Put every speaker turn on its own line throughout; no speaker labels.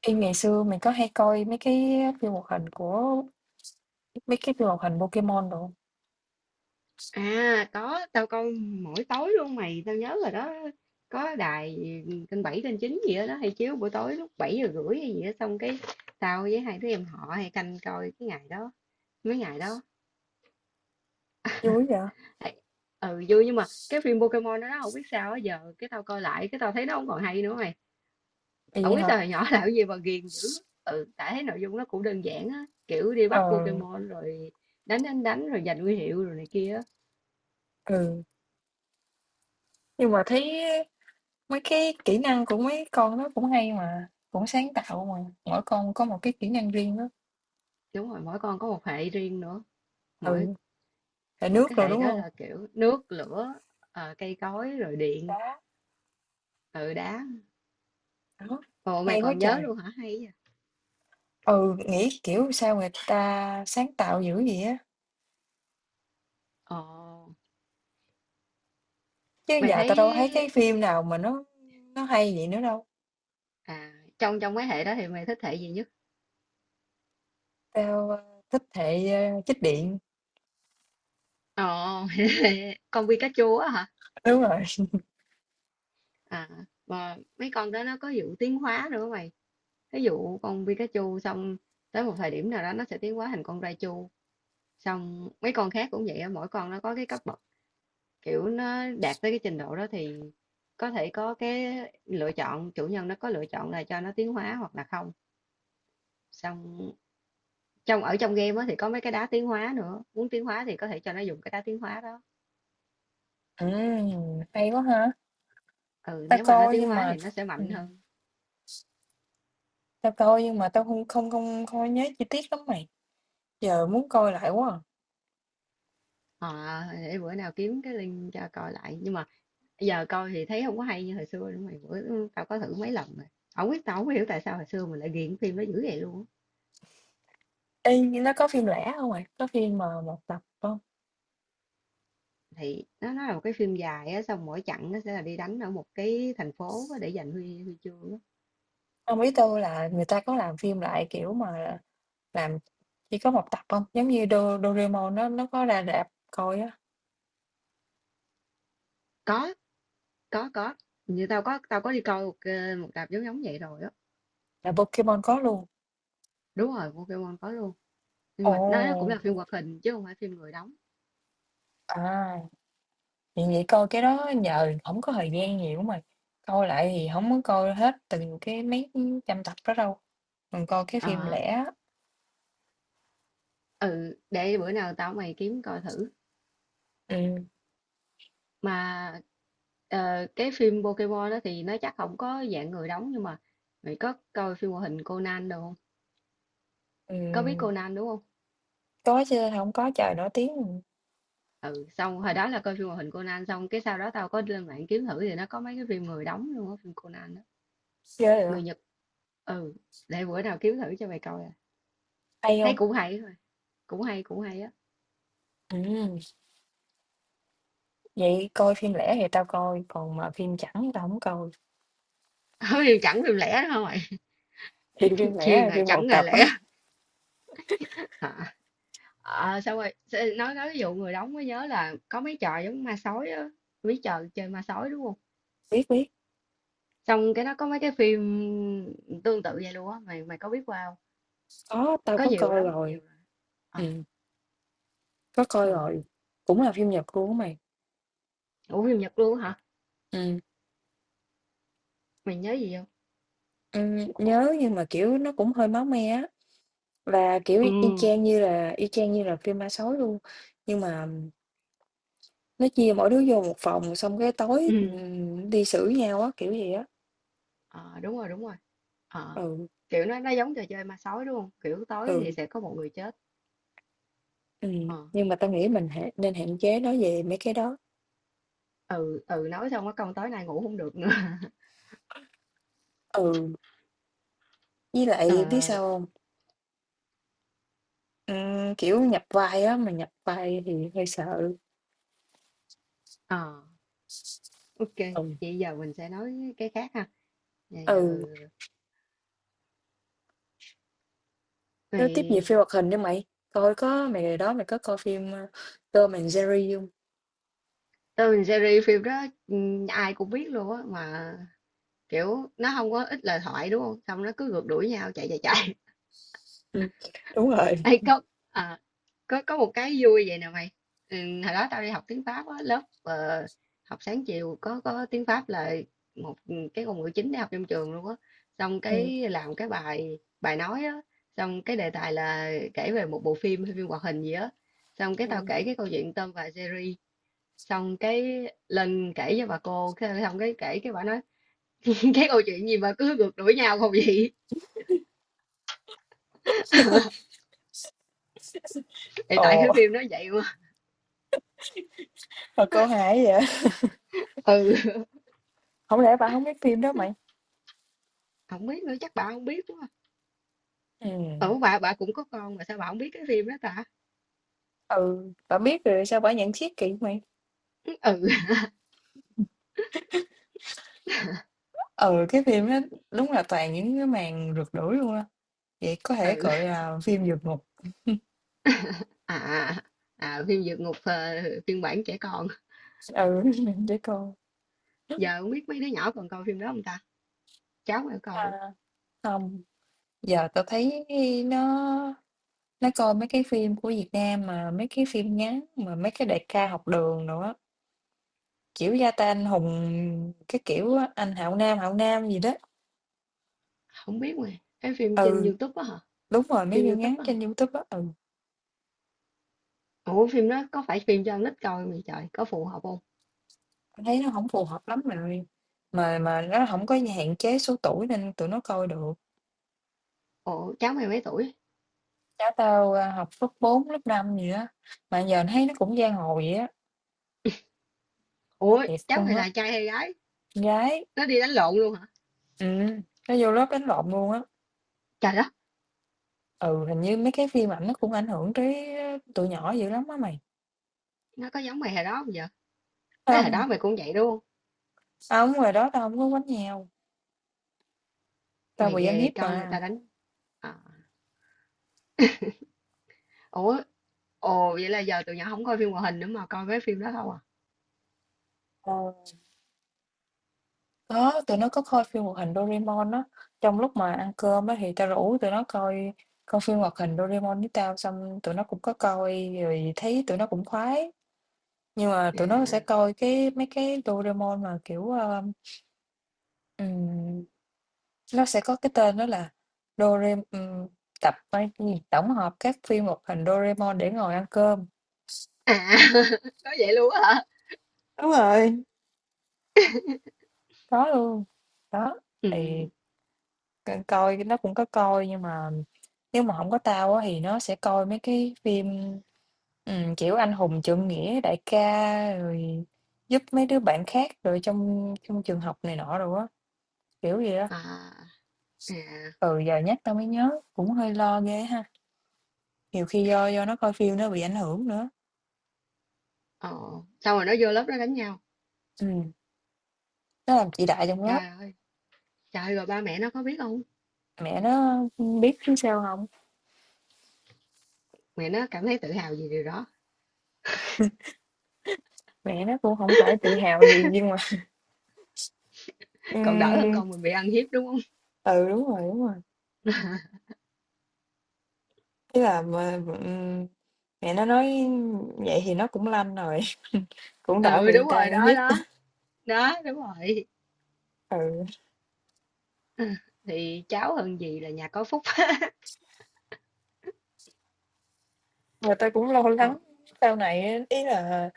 Ê, ngày xưa mình có hay coi mấy cái phim hoạt hình của mấy cái phim hoạt hình Pokemon đồ không?
À có, tao coi mỗi tối luôn mày, tao nhớ rồi đó. Có đài kênh 7 kênh 9 gì đó hay chiếu buổi tối lúc 7h30 hay gì đó xong cái tao với hai đứa em họ hay canh coi cái ngày đó, mấy ngày đó.
Vui vậy? À,
Ê, ừ vui nhưng mà cái phim Pokemon đó không biết sao á, giờ cái tao coi lại cái tao thấy nó không còn hay nữa mày.
vậy
Không biết
hả?
sao hồi nhỏ làm cái gì mà ghiền dữ. Ừ tại thấy nội dung nó cũng đơn giản á, kiểu đi bắt
Ờ,
Pokemon rồi đánh đánh đánh rồi giành huy hiệu rồi này kia á.
ừ, nhưng mà thấy mấy cái kỹ năng của mấy con đó cũng hay mà, cũng sáng tạo mà, mỗi con có một cái kỹ năng riêng đó.
Đúng rồi, mỗi con có một hệ riêng nữa. mỗi
Ừ, hệ
Ủa,
nước
cái
rồi,
hệ
đúng
đó
không?
là kiểu nước lửa, cây cối rồi điện
Đá,
từ đá.
đó,
Ồ mày
hay quá
còn nhớ
trời.
luôn hả, hay vậy.
Ừ, nghĩ kiểu sao người ta sáng tạo dữ vậy á,
Ồ
chứ
mày
giờ tao
thấy
đâu thấy cái phim nào mà nó hay vậy nữa đâu.
à, trong trong mấy hệ đó thì mày thích hệ gì nhất?
Tao, ơ, thích hệ, ơ, chích điện.
Ồ mày thích hệ con Pikachu á hả?
Đúng rồi.
À mà mấy con đó nó có vụ tiến hóa nữa mày, ví dụ con Pikachu xong tới một thời điểm nào đó nó sẽ tiến hóa thành con Raichu. Xong mấy con khác cũng vậy á, mỗi con nó có cái cấp bậc, kiểu nó đạt tới cái trình độ đó thì có thể có cái lựa chọn, chủ nhân nó có lựa chọn là cho nó tiến hóa hoặc là không. Xong trong ở trong game á thì có mấy cái đá tiến hóa nữa, muốn tiến hóa thì có thể cho nó dùng cái đá tiến hóa đó.
Ừm, hay quá ha.
Ừ
Tao
nếu mà nó
coi
tiến
nhưng
hóa
mà
thì nó sẽ mạnh
ừm,
hơn.
tao coi nhưng mà tao không không không không có nhớ chi tiết lắm mày, giờ muốn coi lại quá à.
Ờ để bữa nào kiếm cái link cho coi lại, nhưng mà giờ coi thì thấy không có hay như hồi xưa nữa mày. Bữa tao có thử mấy lần rồi, không biết, tao không có hiểu tại sao hồi xưa mình lại ghiền phim nó dữ vậy luôn á.
Ê, nhưng nó có phim lẻ không mày? Có phim mà một tập không?
Thì nó là một cái phim dài á, xong mỗi chặng nó sẽ là đi đánh ở một cái thành phố á, để giành huy huy chương á.
Hông, biết tao là người ta có làm phim lại, kiểu mà, làm chỉ có một tập không? Giống như Do Doraemon nó có ra rạp coi á,
Có, có, có. Như tao có đi coi một tập giống giống vậy rồi á.
là Pokemon có luôn.
Đúng rồi, Pokemon có luôn. Nhưng mà nó cũng
Ồ,
là phim hoạt hình chứ không phải phim người đóng.
à, vậy vậy coi cái đó nhờ không có thời gian nhiều á mày, coi lại thì không có coi hết từng cái mấy trăm tập đó đâu. Mình coi cái phim
Ờ,
lẻ,
ừ, để bữa nào tao mày kiếm coi thử.
ừm,
Mà cái phim Pokemon đó thì nó chắc không có dạng người đóng, nhưng mà mày có coi phim hoạt hình Conan đâu không? Có biết
ừm,
Conan đúng không?
có chứ không có trời nổi tiếng,
Ừ, xong hồi đó là coi phim hoạt hình Conan xong cái sau đó tao có lên mạng kiếm thử thì nó có mấy cái phim người đóng luôn á, phim Conan đó,
ghê vậy,
người Nhật. Ừ, để bữa nào kiếm thử cho mày coi à.
hay
Thấy
không?
cũng hay thôi, cũng hay á.
Ừm. Vậy coi phim lẻ thì tao coi, còn mà phim chẳng tao không coi.
phim chẳng phim lẻ đâu mày.
Thì phim lẻ
chuyên
là
rồi
phim một
chẳng ngày
tập á.
lẻ. Hả? Ờ, xong rồi nói ví dụ người đóng mới nhớ là có mấy trò giống ma sói á, mấy trò chơi ma sói đúng không?
Biết, biết,
Xong cái nó có mấy cái phim tương tự vậy luôn á, mày mày có biết qua không?
có, tao
Có
có
nhiều
coi
lắm,
rồi.
nhiều lắm. Ờ,
Ừm. Có coi
ờ.
rồi, cũng là phim Nhật luôn á mày.
Ủa phim Nhật luôn á hả?
Ừm.
Mày nhớ gì không?
Nhớ nhưng mà, kiểu, nó cũng hơi máu me á, và, kiểu,
Ừ,
y y chang như là y chang như là phim ma sói luôn. Nhưng mà nó chia mỗi đứa vô một phòng, xong cái tối,
ừ.
đi xử nhau á, kiểu gì á.
Ờ, đúng rồi, đúng rồi. Ờ,
Ừ,
kiểu nó giống trò chơi ma sói đúng không? Kiểu tối thì
ừ,
sẽ có một người chết. Ờ,
nhưng mà tao nghĩ mình nên hạn chế nói về mấy cái đó.
ừ, ừ nói xong cái câu tối nay ngủ không được nữa.
Ừ, với lại biết
Ờ,
sao hông? Kiểu, nhập vai á, mà nhập vai thì hơi sợ.
ờ, ok.
Ừ,
Vậy giờ mình sẽ nói cái khác ha. Vậy giờ
ừ, nói tiếp về
thì
phim hoạt hình đi mày, coi có mày hồi đó mày có coi phim, ơ, Tom and Jerry hông?
tôi mình series phim đó, ừ, ai cũng biết luôn á mà kiểu nó không có ít lời thoại đúng không? Xong nó cứ rượt đuổi nhau chạy chạy chạy.
Ừm, đúng rồi,
Hay cốc. Có một cái vui vậy nè mày, ừ, hồi đó tao đi học tiếng Pháp á lớp, học sáng chiều có tiếng Pháp là một, cái ngôn ngữ chính để học trong trường luôn á, xong
ừm,
cái làm cái bài bài nói á, xong cái đề tài là kể về một bộ phim hay phim hoạt hình gì á, xong cái tao
ừm.
kể cái câu chuyện Tom và Jerry, xong cái lên kể cho bà cô xong cái kể cái bà nói cái câu chuyện gì mà cứ ngược đuổi nhau không vậy. Thì tại cái
Ồ,
phim nó vậy mà.
mà cô hài quá vậy?
Ừ
Hổng lẽ bả hổng biết phim đó mày?
không biết nữa, chắc bà không biết quá.
Ừm,
Ủa bà cũng có con mà sao bà không biết cái phim đó ta?
ừ, bả biết rồi sao bả nhận xét kỳ vậy mày?
Ừ,
Ừ, cái phim đó đúng là toàn những cái màn rượt đuổi luôn á. Vậy có thể
ừ.
gọi là phim vượt ngục.
À, à phim Vượt Ngục, phiên bản trẻ con.
Ừ, để coi.
Giờ không biết mấy đứa nhỏ còn coi phim đó không ta? Cháu mà coi không?
À, không, giờ tao thấy nó nó coi mấy cái phim của Việt Nam mà mấy cái phim ngắn mà mấy cái đại ca học đường nữa, kiểu Gia Tay Anh Hùng cái kiểu á, anh Hạo Nam gì đó.
Không biết mà. Cái phim trên
Ừ,
YouTube á hả?
đúng rồi mấy
Phim
phim ngắn
YouTube á hả?
trên YouTube á. Ừ,
Ủa phim đó có phải phim cho con nít coi không vậy trời? Có phù hợp không?
tao thấy nó không phù hợp lắm rồi. Mà nó không có hạn chế số tuổi nên tụi nó coi được.
Ủa cháu mày mấy tuổi?
Cháu tao, a, học lớp 4 lớp 5 gì á, mà giờ thấy nó cũng giang hồ vậy á,
Ủa
thiệt
cháu
luôn
mày
á,
là trai hay gái?
con gái,
Nó đi đánh lộn luôn hả?
nó vô lớp đánh lộn luôn á.
Trời đất,
Ừ, hình như mấy cái phim ảnh nó cũng ảnh hưởng tới, ơ, tụi nhỏ dữ lắm á mày.
nó có giống mày hồi đó không giờ? Cái hồi
Không,
đó mày cũng vậy đúng không?
hông, ngoài đó tao không có quánh nhau, tao
Mày
bị ăn
ghê,
hiếp
coi người
mà.
ta đánh. À. Ủa. Ồ vậy là giờ tụi nhỏ không coi phim hoạt hình nữa mà coi mấy phim đó không à?
Ờ, có, tụi nó có coi phim hoạt hình Doraemon á, trong lúc mà ăn cơm á thì tao rủ tụi nó coi coi phim hoạt hình Doraemon với tao, xong tụi nó cũng có coi rồi thấy tụi nó cũng khoái. Nhưng mà
À.
tụi nó sẽ coi cái mấy cái Doraemon mà, kiểu, ơ, ừm, nó sẽ có cái tên đó là Dorem tập hay cái gì, tổng hợp các phim hoạt hình Doraemon để ngồi ăn cơm.
À, có vậy luôn á hả?
Đúng rồi. Có luôn, đó, thì
Ừm.
c coi nó cũng có coi nhưng mà nếu mà không có tao á thì nó sẽ coi mấy cái phim, kiểu, anh hùng trượng nghĩa, đại ca, rồi giúp mấy đứa bạn khác rồi trong trong trường học này nọ rồi á, kiểu gì đó.
À, à,
Ừ, giờ nhắc tao mới nhớ, cũng hơi lo ghê ha. Nhiều khi do nó coi phim nó bị ảnh hưởng nữa.
ồ, xong rồi nó vô lớp nó đánh nhau.
Ừm, nó làm chị đại trong lớp,
Trời ơi, trời ơi, rồi ba mẹ nó có biết không?
mẹ nó biết chứ sao không.
Mẹ nó cảm thấy tự hào vì điều đó,
Mẹ nó cũng không phải tự hào gì nhưng mà
còn đỡ hơn
ừm,
con mình bị ăn hiếp, đúng không?
ừ, đúng rồi, đúng rồi. Ý là mà, mẹ nó nói vậy thì nó cũng lanh rồi, cũng đỡ
Ừ,
bị người
đúng
ta
rồi,
uy
đó,
hiếp.
đó, đó, đúng rồi.
Ừ,
Ờ, thì cháu hơn gì là nhà có phúc.
mà tao cũng lo lắng
Ờ,
sau này á, ý là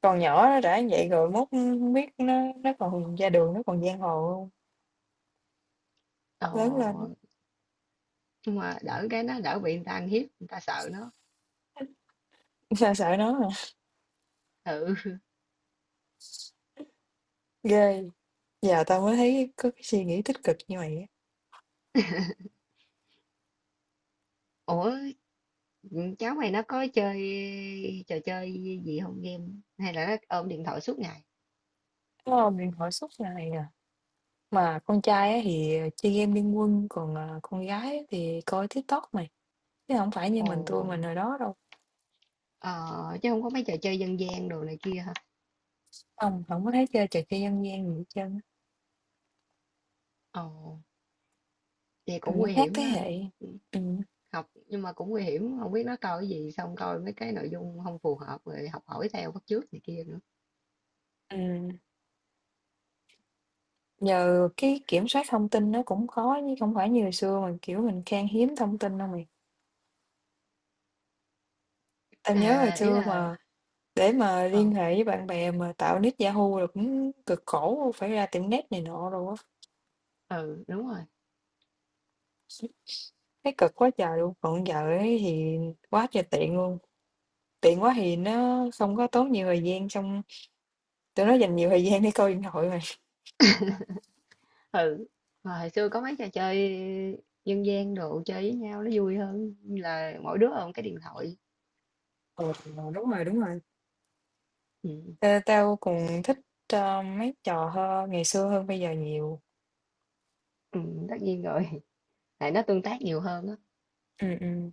còn nhỏ nó đã như vậy rồi mốt hông biết nó còn ra đường nó còn giang hồ hông,
ờ,
lớn lên á,
nhưng mà đỡ cái nó đỡ bị người ta ăn hiếp, người ta sợ nó.
tao sợ nó à.
Ừ.
Ghê, giờ tao mới thấy có cái suy nghĩ tích cực như vậy á.
Ủa. Ừ, cháu mày nó có chơi trò chơi gì không, game hay là nó ôm điện thoại suốt ngày?
Ờ, mình hỏi suốt ngày à. Mà con trai á thì ờ, chơi game Liên Quân, còn à, con gái á thì coi TikTok mày. Chứ không phải như
Ồ,
tụi mình hồi đó đâu.
ờ, chứ không có mấy trò chơi dân gian đồ này kia hả?
Không, không có thấy chơi trò chơi dân gian gì hết trơn á.
Ồ vậy
Ừ,
cũng nguy
khác
hiểm
thế
ha.
hệ.
Ừ,
Ừ.
học nhưng mà cũng nguy hiểm, không biết nó coi cái gì xong coi mấy cái nội dung không phù hợp rồi học hỏi theo bắt chước này kia nữa.
Ừ. Giờ cái kiểm soát thông tin nó cũng khó chứ không phải như hồi xưa mà kiểu mình khan hiếm thông tin đâu mày. Tao
À
nhớ hồi
ý
xưa
là
mà để mà liên
ờ,
hệ với bạn bè mà tạo nick Yahoo là cũng cực khổ phải ra tiệm net này nọ rồi á.
ừ đúng rồi.
Thấy cực quá trời luôn, còn giờ ấy thì quá trời tiện luôn, tiện quá thì nó không có tốn nhiều thời gian, xong tụi nó dành nhiều thời gian để coi điện thoại mà.
Ừ mà hồi xưa có mấy trò chơi dân gian đồ chơi với nhau nó vui hơn là mỗi đứa ôm cái điện thoại.
Ừ, đúng rồi, đúng rồi.
Ừ,
Ê, tao cũng thích, ơ, mấy trò hơn ngày xưa hơn bây giờ nhiều.
ừ tất nhiên rồi, tại nó tương tác nhiều hơn á.
Ừm, ừm.